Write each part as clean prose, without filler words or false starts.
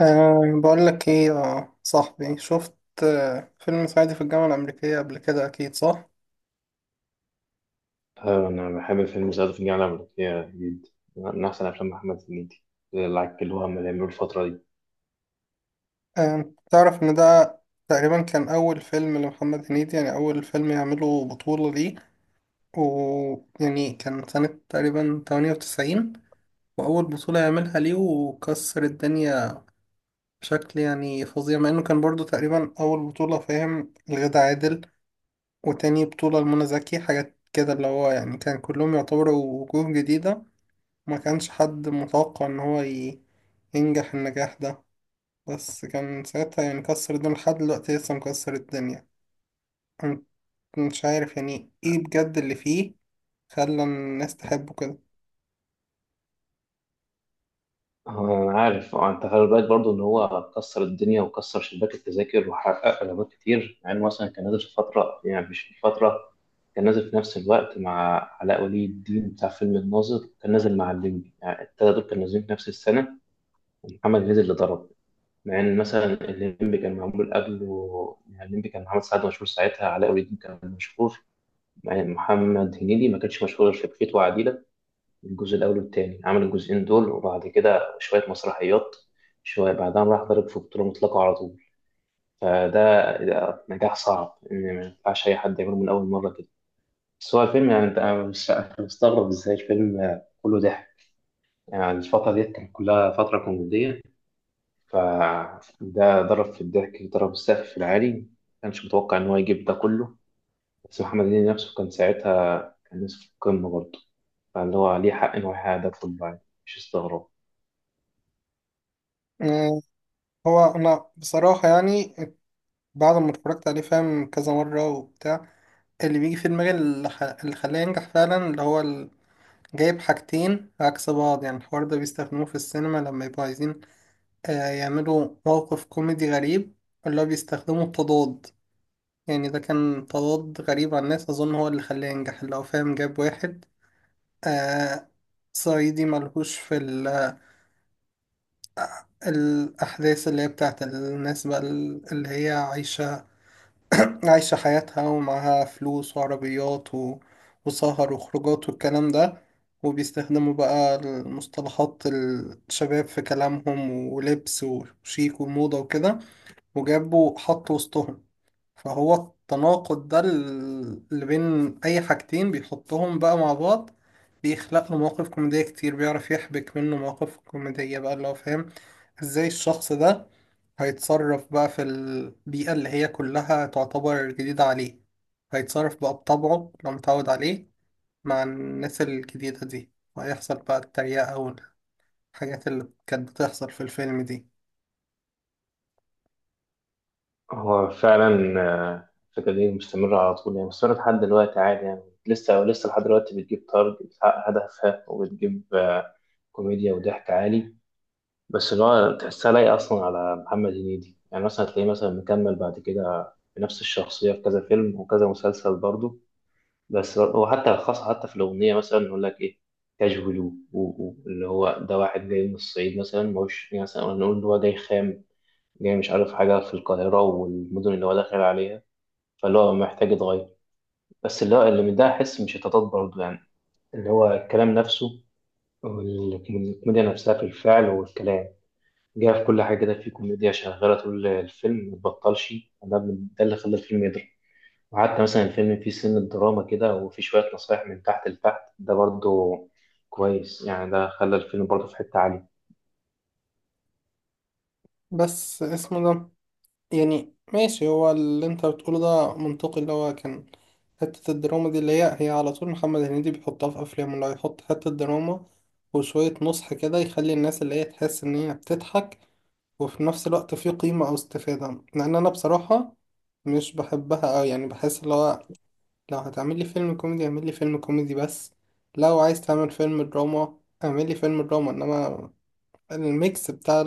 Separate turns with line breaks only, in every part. بقول لك ايه يا صاحبي، شفت فيلم صعيدي في الجامعة الأمريكية قبل كده أكيد صح؟
أنا بحب فيلم صعيدي في الجامعة الأمريكية جدا، من أحسن أفلام محمد هنيدي اللي عكلوها من اللي عملوا الفترة دي.
تعرف إن ده تقريبا كان أول فيلم لمحمد هنيدي، يعني أول فيلم يعمله بطولة ليه. ويعني كان سنة تقريبا 98، وأول بطولة يعملها ليه وكسر الدنيا بشكل يعني فظيع، مع إنه كان برضو تقريبا أول بطولة فاهم لغادة عادل، وتاني بطولة لمنى زكي. حاجات كده اللي هو يعني كان كلهم يعتبروا وجوه جديدة. ما كانش حد متوقع ان هو ينجح النجاح ده، بس كان ساعتها يعني كسر الدنيا. لحد دلوقتي لسه مكسر الدنيا. أنا مش عارف يعني ايه بجد اللي فيه خلى الناس تحبه كده.
آه، أنا عارف. أنت خلي بالك برضه إن هو كسر الدنيا وكسر شباك التذاكر وحقق إيرادات كتير، مع إنه مثلا كان نازل في فترة، يعني مش في فترة، كان نازل في نفس الوقت مع علاء ولي الدين بتاع فيلم الناظر، كان نازل مع الليمبي، يعني التلاتة دول كانوا نازلين في نفس السنة. ومحمد هنيدي اللي ضرب، مع ان مثلا الليمبي كان معمول قبله. يعني الليمبي كان محمد سعد مشهور ساعتها، علاء ولي الدين كان مشهور، يعني محمد هنيدي ما كانش مشهور غير في بخيت وعديلة الجزء الأول والتاني، عمل الجزئين دول وبعد كده شوية مسرحيات، شوية بعدها راح ضرب في بطولة مطلقة على طول. فده ده نجاح صعب، إن ما ينفعش أي حد يعمله من أول مرة كده. بس هو الفيلم، يعني أنت أنا مش، أنا مستغرب إزاي الفيلم كله ضحك. يعني الفترة ديت كانت كلها فترة كوميدية، فده ضرب في الضحك، ضرب السقف في العالي، ما كانش متوقع إن هو يجيب ده كله. بس محمد هنيدي نفسه كان ساعتها، كان لسه في القمة برضه، فاللي هو عليه حق إن هو يحقق ده كله عادي، مش استغراب.
أه، هو انا بصراحة يعني بعد ما اتفرجت عليه فاهم كذا مرة وبتاع، اللي بيجي في دماغي اللي خلاه ينجح فعلا، اللي هو جايب حاجتين عكس بعض. يعني الحوار ده بيستخدموه في السينما لما يبقوا عايزين يعملوا موقف كوميدي غريب، اللي هو بيستخدموا التضاد. يعني ده كان تضاد غريب على الناس، أظن هو اللي خلاه ينجح. لو فاهم، جاب واحد آه صعيدي ملهوش في الأحداث اللي هي بتاعت الناس بقى، اللي هي عايشة حياتها ومعاها فلوس وعربيات وسهر وخروجات والكلام ده، وبيستخدموا بقى المصطلحات الشباب في كلامهم ولبس وشيك وموضة وكده، وجابوا حط وسطهم. فهو التناقض ده اللي بين أي حاجتين بيحطهم بقى مع بعض، بيخلق له مواقف كوميدية كتير، بيعرف يحبك منه مواقف كوميدية بقى. اللي هو فاهم ازاي الشخص ده هيتصرف بقى في البيئة اللي هي كلها تعتبر جديدة عليه، هيتصرف بقى بطبعه لو متعود عليه مع الناس الجديدة دي، وهيحصل بقى التريقة والحاجات اللي كانت بتحصل في الفيلم دي.
هو فعلا الفكرة دي مستمرة على طول، يعني مستمرة لحد دلوقتي عادي، يعني لسه لحد دلوقتي بتجيب تارجت، بتحقق هدفها وبتجيب كوميديا وضحك عالي. بس اللي هو تحسها لايقة أصلا على محمد هنيدي. يعني مثلا هتلاقيه مثلا مكمل بعد كده بنفس الشخصية في كذا فيلم وكذا مسلسل برضه. بس وحتى خاصة حتى في الأغنية مثلا يقول لك إيه، كاجولو، اللي هو ده واحد جاي من الصعيد، مثلا مش يعني مثلا نقول إن هو جاي خام، جاي مش عارف حاجة في القاهرة والمدن اللي هو داخل عليها، فاللي هو محتاج يتغير. بس اللي هو، اللي من ده أحس مش هتتضاد برضه. يعني اللي هو الكلام نفسه والكوميديا نفسها في الفعل والكلام، جاي في كل حاجة كده، في كوميديا شغالة طول الفيلم متبطلش. ده اللي خلى الفيلم يضرب. وحتى مثلا الفيلم فيه سن الدراما كده، وفيه شوية نصايح من تحت لتحت، ده برضو كويس. يعني ده خلى الفيلم برضو في حتة عالية.
بس اسمه ده، يعني ماشي هو اللي انت بتقوله ده منطقي. اللي هو كان حتة الدراما دي اللي هي هي على طول محمد هنيدي بيحطها في أفلامه، اللي هو يحط حتة دراما وشوية نصح كده، يخلي الناس اللي هي تحس إن هي بتضحك وفي نفس الوقت في قيمة أو استفادة. لأن أنا بصراحة مش بحبها أوي، يعني بحس اللي هو لو هتعمل لي فيلم كوميدي اعمل لي فيلم كوميدي بس، لو عايز تعمل فيلم دراما اعمل لي فيلم دراما. إنما الميكس بتاع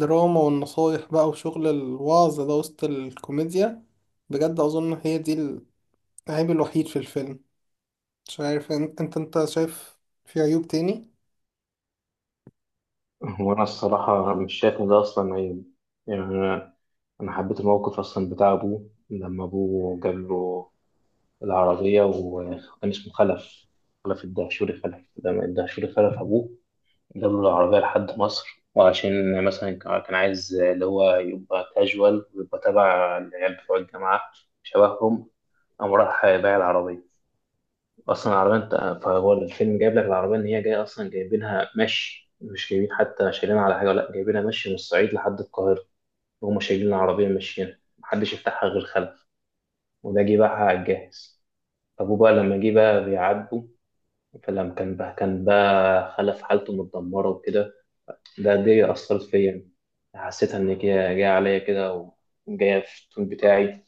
دراما والنصايح بقى وشغل الوعظ ده وسط الكوميديا، بجد أظن هي دي العيب الوحيد في الفيلم. مش عارف، أنت شايف في عيوب تاني؟
وأنا الصراحة مش شايف إن ده أصلا عيب. يعني أنا حبيت الموقف أصلا بتاع أبوه، لما أبوه جاب له العربية وكان اسمه خلف. خلف الدهشوري خلف، لما الدهشوري خلف أبوه جاب له العربية لحد مصر، وعشان مثلا كان عايز اللي هو يبقى كاجوال ويبقى تبع العيال بتوع الجامعة، شبههم، قام راح بايع العربية أصلا. العربية أنت، فهو الفيلم جايب لك العربية إن هي جاية أصلا، جايبينها مشي، مش جايبين حتى شايلينها على حاجة، ولا جايبينها مشي من الصعيد لحد القاهرة، وهم شايلين العربية ماشيين، محدش يفتحها غير خلف، وده جه باعها على الجاهز. أبوه بقى لما جه بقى بيعاتبه، فلما كان بقى، كان بقى خلف حالته متدمرة وكده، ده دي أثرت فيا يعني. حسيتها إن هي جاية عليا كده، وجاية في التون بتاعي.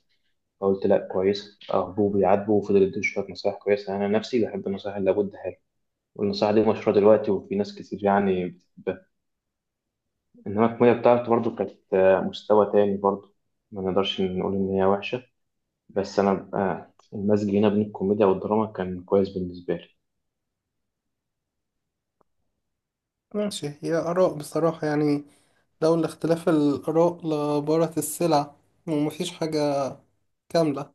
فقلت لا، كويسة، أخبوه بيعاتبه وفضل يديه شوية نصايح كويسة. أنا نفسي بحب النصايح اللي لابد ها، والنصيحة دي مشهورة دلوقتي وفي ناس كتير يعني بتحبها. إنما الكوميديا بتاعته برضه كانت مستوى تاني برضه، ما نقدرش نقول إن هي وحشة. بس أنا المزج هنا بين الكوميديا والدراما كان كويس بالنسبة لي.
ماشي، هي آراء بصراحة يعني، لولا اختلاف الآراء لبارت السلع، ومفيش حاجة كاملة.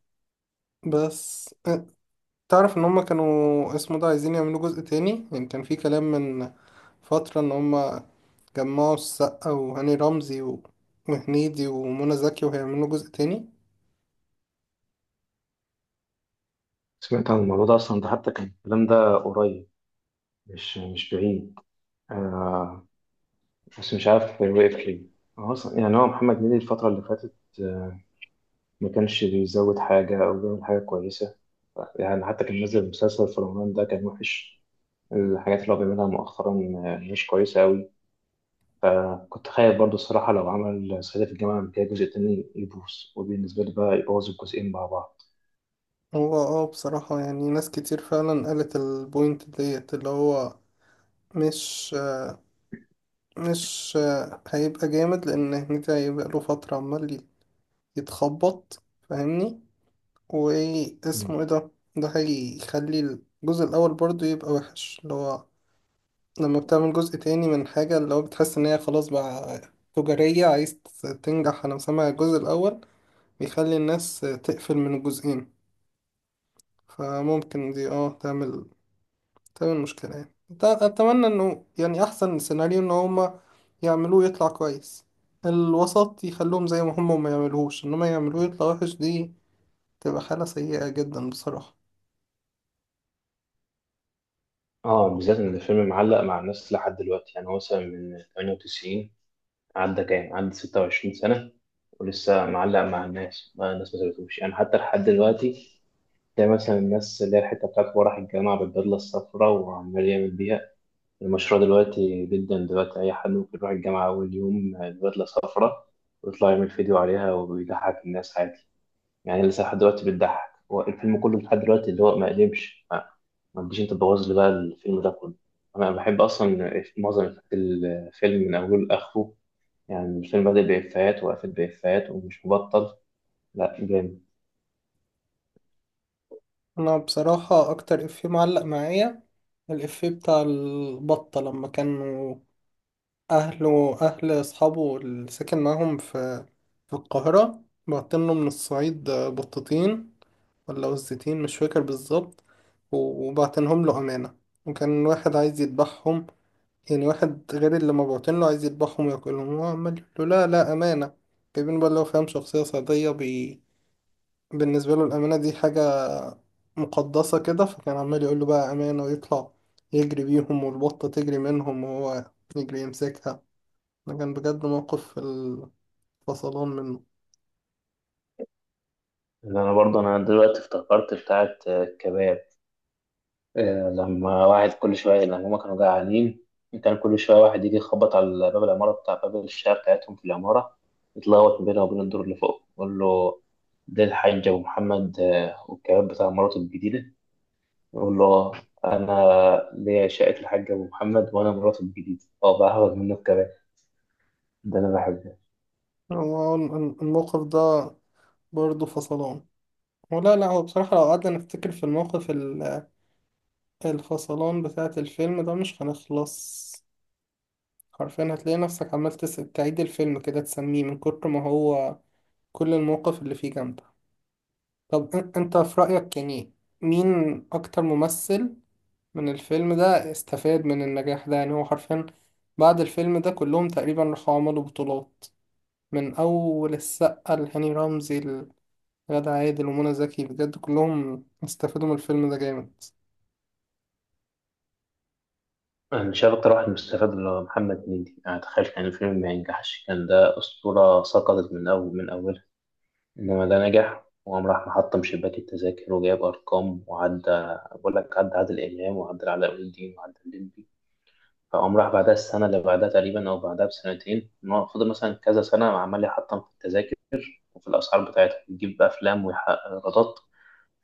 بس تعرف إن هما كانوا اسمه ده عايزين يعملوا جزء تاني؟ يعني كان في كلام من فترة إن هما جمعوا السقا وهاني رمزي و- وهنيدي ومنى زكي وهيعملوا جزء تاني.
سمعت عن الموضوع ده أصلا، ده حتى كان الكلام ده قريب، مش بعيد. آه، بس مش عارف وقف ليه. هو أصلا يعني، هو محمد هنيدي الفترة اللي فاتت آه، ما كانش بيزود حاجة أو بيعمل حاجة كويسة. يعني حتى كان نازل مسلسل في رمضان ده كان وحش، الحاجات اللي هو بيعملها مؤخرا مش كويسة أوي. كنت خايف برضو الصراحة لو عمل صعيدي في الجامعة الأمريكية جزء تاني يبوظ، وبالنسبة لي بقى يبوظ الجزئين مع بعض.
هو اه بصراحة يعني ناس كتير فعلا قالت البوينت ديت، اللي هو مش مش هيبقى جامد، لأن هنيدي هيبقى له فترة عمال يتخبط، فاهمني.
مم.
واسمه ايه ده، ده هيخلي الجزء الأول برضه يبقى وحش. اللي هو لما بتعمل جزء تاني من حاجة، اللي هو بتحس إن هي خلاص بقى تجارية، عايز تنجح. أنا مسمع الجزء الأول بيخلي الناس تقفل من الجزئين، فممكن دي اه تعمل تمام المشكلة يعني. أتمنى إنه يعني أحسن سيناريو إن هما يعملوه يطلع كويس الوسط، يخلوهم زي ما هما وما يعملوهوش، إنما يعملوه يطلع وحش دي تبقى حالة سيئة جدا بصراحة.
اه، بالذات إن الفيلم معلق مع الناس لحد دلوقتي. يعني هو مثلا من 98، عدى كام؟ عدى 26 سنة، ولسه معلق مع الناس، ما الناس ما سابتهوش يعني حتى لحد دلوقتي. تلاقي مثلا الناس اللي هي الحتة بتاعت هو راح الجامعة بالبدلة الصفراء وعمال يعمل بيها المشروع، دلوقتي جدا دلوقتي أي حد ممكن يروح الجامعة أول يوم بدلة صفرا ويطلع يعمل فيديو عليها ويضحك الناس عادي. يعني لسه لحد دلوقتي بتضحك، هو الفيلم كله لحد دلوقتي اللي هو ما قدمش، ما تجيش أنت تبوظ لي بقى الفيلم ده كله. أنا بحب أصلا معظم إفيهات الفيلم من أوله لآخره. يعني الفيلم بادئ بإفيهات وقفل بإفيهات، ومش مبطل. لا جامد.
أنا بصراحة أكتر إفيه معلق معايا الإفيه بتاع البطة، لما كانوا أهله أهل أصحابه اللي ساكن معاهم في في القاهرة بعتله من الصعيد بطتين ولا وزتين مش فاكر بالظبط، و- وبعتنهم له أمانة، وكان واحد عايز يذبحهم. يعني واحد غير اللي ما بعتن له عايز يذبحهم وياكلهم، هو عمال يقول له لا لا أمانة. جايبين بقى، لو فاهم شخصية صعيدية بالنسبة له الأمانة دي حاجة مقدسة كده، فكان عمال يقول له بقى أمانة، ويطلع يجري بيهم والبطة تجري منهم وهو يجري يمسكها. ده كان بجد موقف في الفصلان منه.
اللي أنا برضه أنا دلوقتي افتكرت بتاعة كباب. لما واحد كل شوية، لما هما كانوا جعانين، كان كل شوية واحد يجي يخبط على باب العمارة بتاع، باب الشقة بتاعتهم في العمارة، يتلخبط بينه وبين الدور اللي فوق، يقول له ده الحاج أبو محمد والكباب بتاع مراته الجديدة. يقول له أنا ليا، شقة الحاج أبو محمد، وأنا مراته الجديدة، أه بقى هاخد منه الكباب. ده أنا بحبه.
هو الموقف ده برضه فصلان ولا لا؟ هو بصراحة لو قعدنا نفتكر في الموقف الفصلان بتاعة الفيلم ده مش هنخلص، حرفيا هتلاقي نفسك عمال تعيد الفيلم كده تسميه من كتر ما هو كل المواقف اللي فيه جامدة. طب انت في رأيك يعني مين أكتر ممثل من الفيلم ده استفاد من النجاح ده؟ يعني هو حرفيا بعد الفيلم ده كلهم تقريبا راحوا عملوا بطولات، من أول السقا لهاني رمزي لغادة عادل ومنى زكي، بجد كلهم استفادوا من الفيلم ده جامد.
أنا مش عارف، أكتر واحد مستفاد اللي هو محمد هنيدي. أنا تخيل كان الفيلم ما ينجحش، كان ده أسطورة سقطت من أول، من أولها. إنما ده نجح، وقام راح محطم شباك التذاكر وجايب أرقام، وعدى بقول لك، عدى عادل إمام وعدى علاء ولي الدين وعدى الليمبي. فقام راح بعدها السنة اللي بعدها تقريبا، أو بعدها بسنتين، إن هو فضل مثلا كذا سنة عمال يحطم في التذاكر وفي الأسعار بتاعتها، يجيب أفلام ويحقق إيرادات.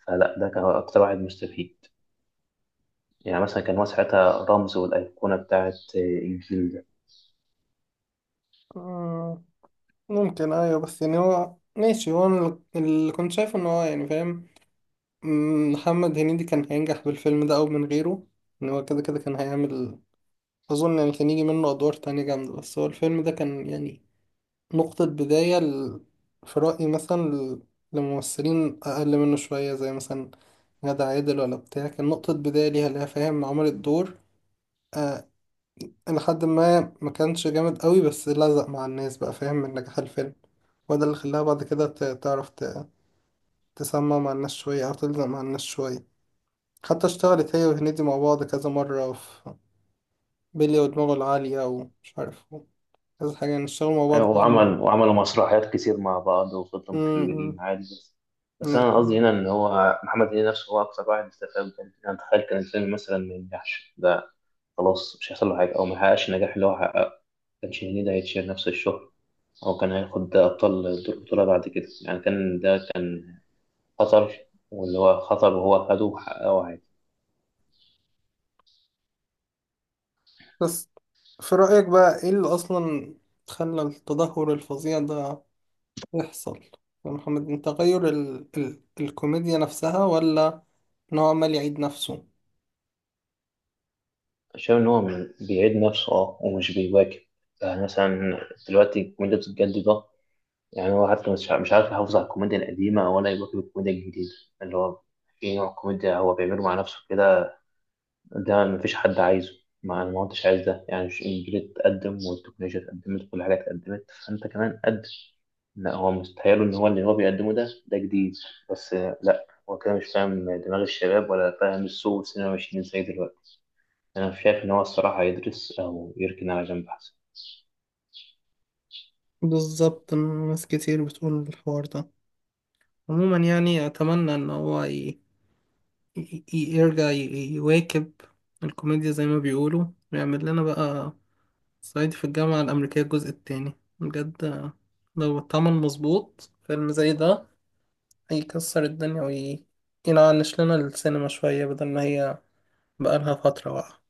فلا ده كان أكتر واحد مستفيد، يعني مثلا كان هو ساعتها رمز والأيقونة بتاعت الجيل ده.
آه، ممكن، أيوة، بس يعني هو ماشي. هو أنا اللي كنت شايفه إن هو يعني فاهم، محمد هنيدي كان هينجح بالفيلم ده أو من غيره. إن هو كده كده كان هيعمل، أظن يعني كان يجي منه أدوار تانية جامدة. بس هو الفيلم ده كان يعني نقطة بداية في رأيي مثلا لممثلين أقل منه شوية، زي مثلا غادة عادل ولا بتاع، كان نقطة بداية ليها. فاهم، عملت دور آه لحد ما كانش جامد قوي، بس لزق مع الناس بقى فاهم من نجاح الفيلم، وده اللي خلاها بعد كده تعرف تسمع مع الناس شوية أو تلزق مع الناس شوية. حتى اشتغلت هي وهنيدي مع بعض كذا مرة في بيلي ودماغه العالية ومش عارف كذا حاجة، يعني اشتغلوا مع بعض
أيوة،
كذا مرة.
وعمل وعملوا مسرحيات كتير مع بعض وفضلوا
م-
مكملين عادي. بس، بس أنا
م.
قصدي هنا إن هو محمد هنيدي نفسه هو أكثر واحد استفاد. كان أنا أتخيل كان الفيلم مثلا ما ينجحش ده، خلاص مش هيحصل له حاجة أو ما يحققش النجاح اللي هو حققه، ما كانش هنيدي هيتشير نفس الشهرة، أو كان هياخد ده، أبطال دور بطولة بعد كده. يعني كان ده كان خطر، واللي هو خطر وهو خده وحققه عادي.
بس في رأيك بقى ايه اللي اصلا خلى التدهور الفظيع ده يحصل يا محمد؟ من تغير الكوميديا نفسها، ولا ان هو عمال يعيد نفسه؟
شايف إن هو بيعيد نفسه، أه، ومش بيواكب. يعني مثلا دلوقتي الكوميديا بتتجدد، يعني هو حتى مش عارف يحافظ على الكوميديا القديمة ولا يواكب الكوميديا الجديدة. اللي هو في نوع كوميديا هو بيعمله مع نفسه كده، ده مفيش حد عايزه. ما أنا ما كنتش عايز ده، يعني مش الجيل اتقدم والتكنولوجيا اتقدمت، كل حاجة اتقدمت فأنت كمان قدم، لا هو مستحيل إن هو اللي هو بيقدمه ده ده جديد. بس لا هو كده مش فاهم دماغ الشباب، ولا فاهم السوق والسينما ماشيين ازاي دلوقتي. أنا شايف إن هو الصراحة يدرس أو يركن على جنب أحسن.
بالظبط، ناس كتير بتقول الحوار ده. عموما يعني اتمنى ان هو يرجع يواكب الكوميديا زي ما بيقولوا، ويعمل لنا بقى صعيدي في الجامعة الأمريكية الجزء التاني. بجد لو اتعمل مظبوط فيلم زي ده يكسر الدنيا، وينعنش لنا السينما شوية، بدل ما هي بقالها فترة واقعة.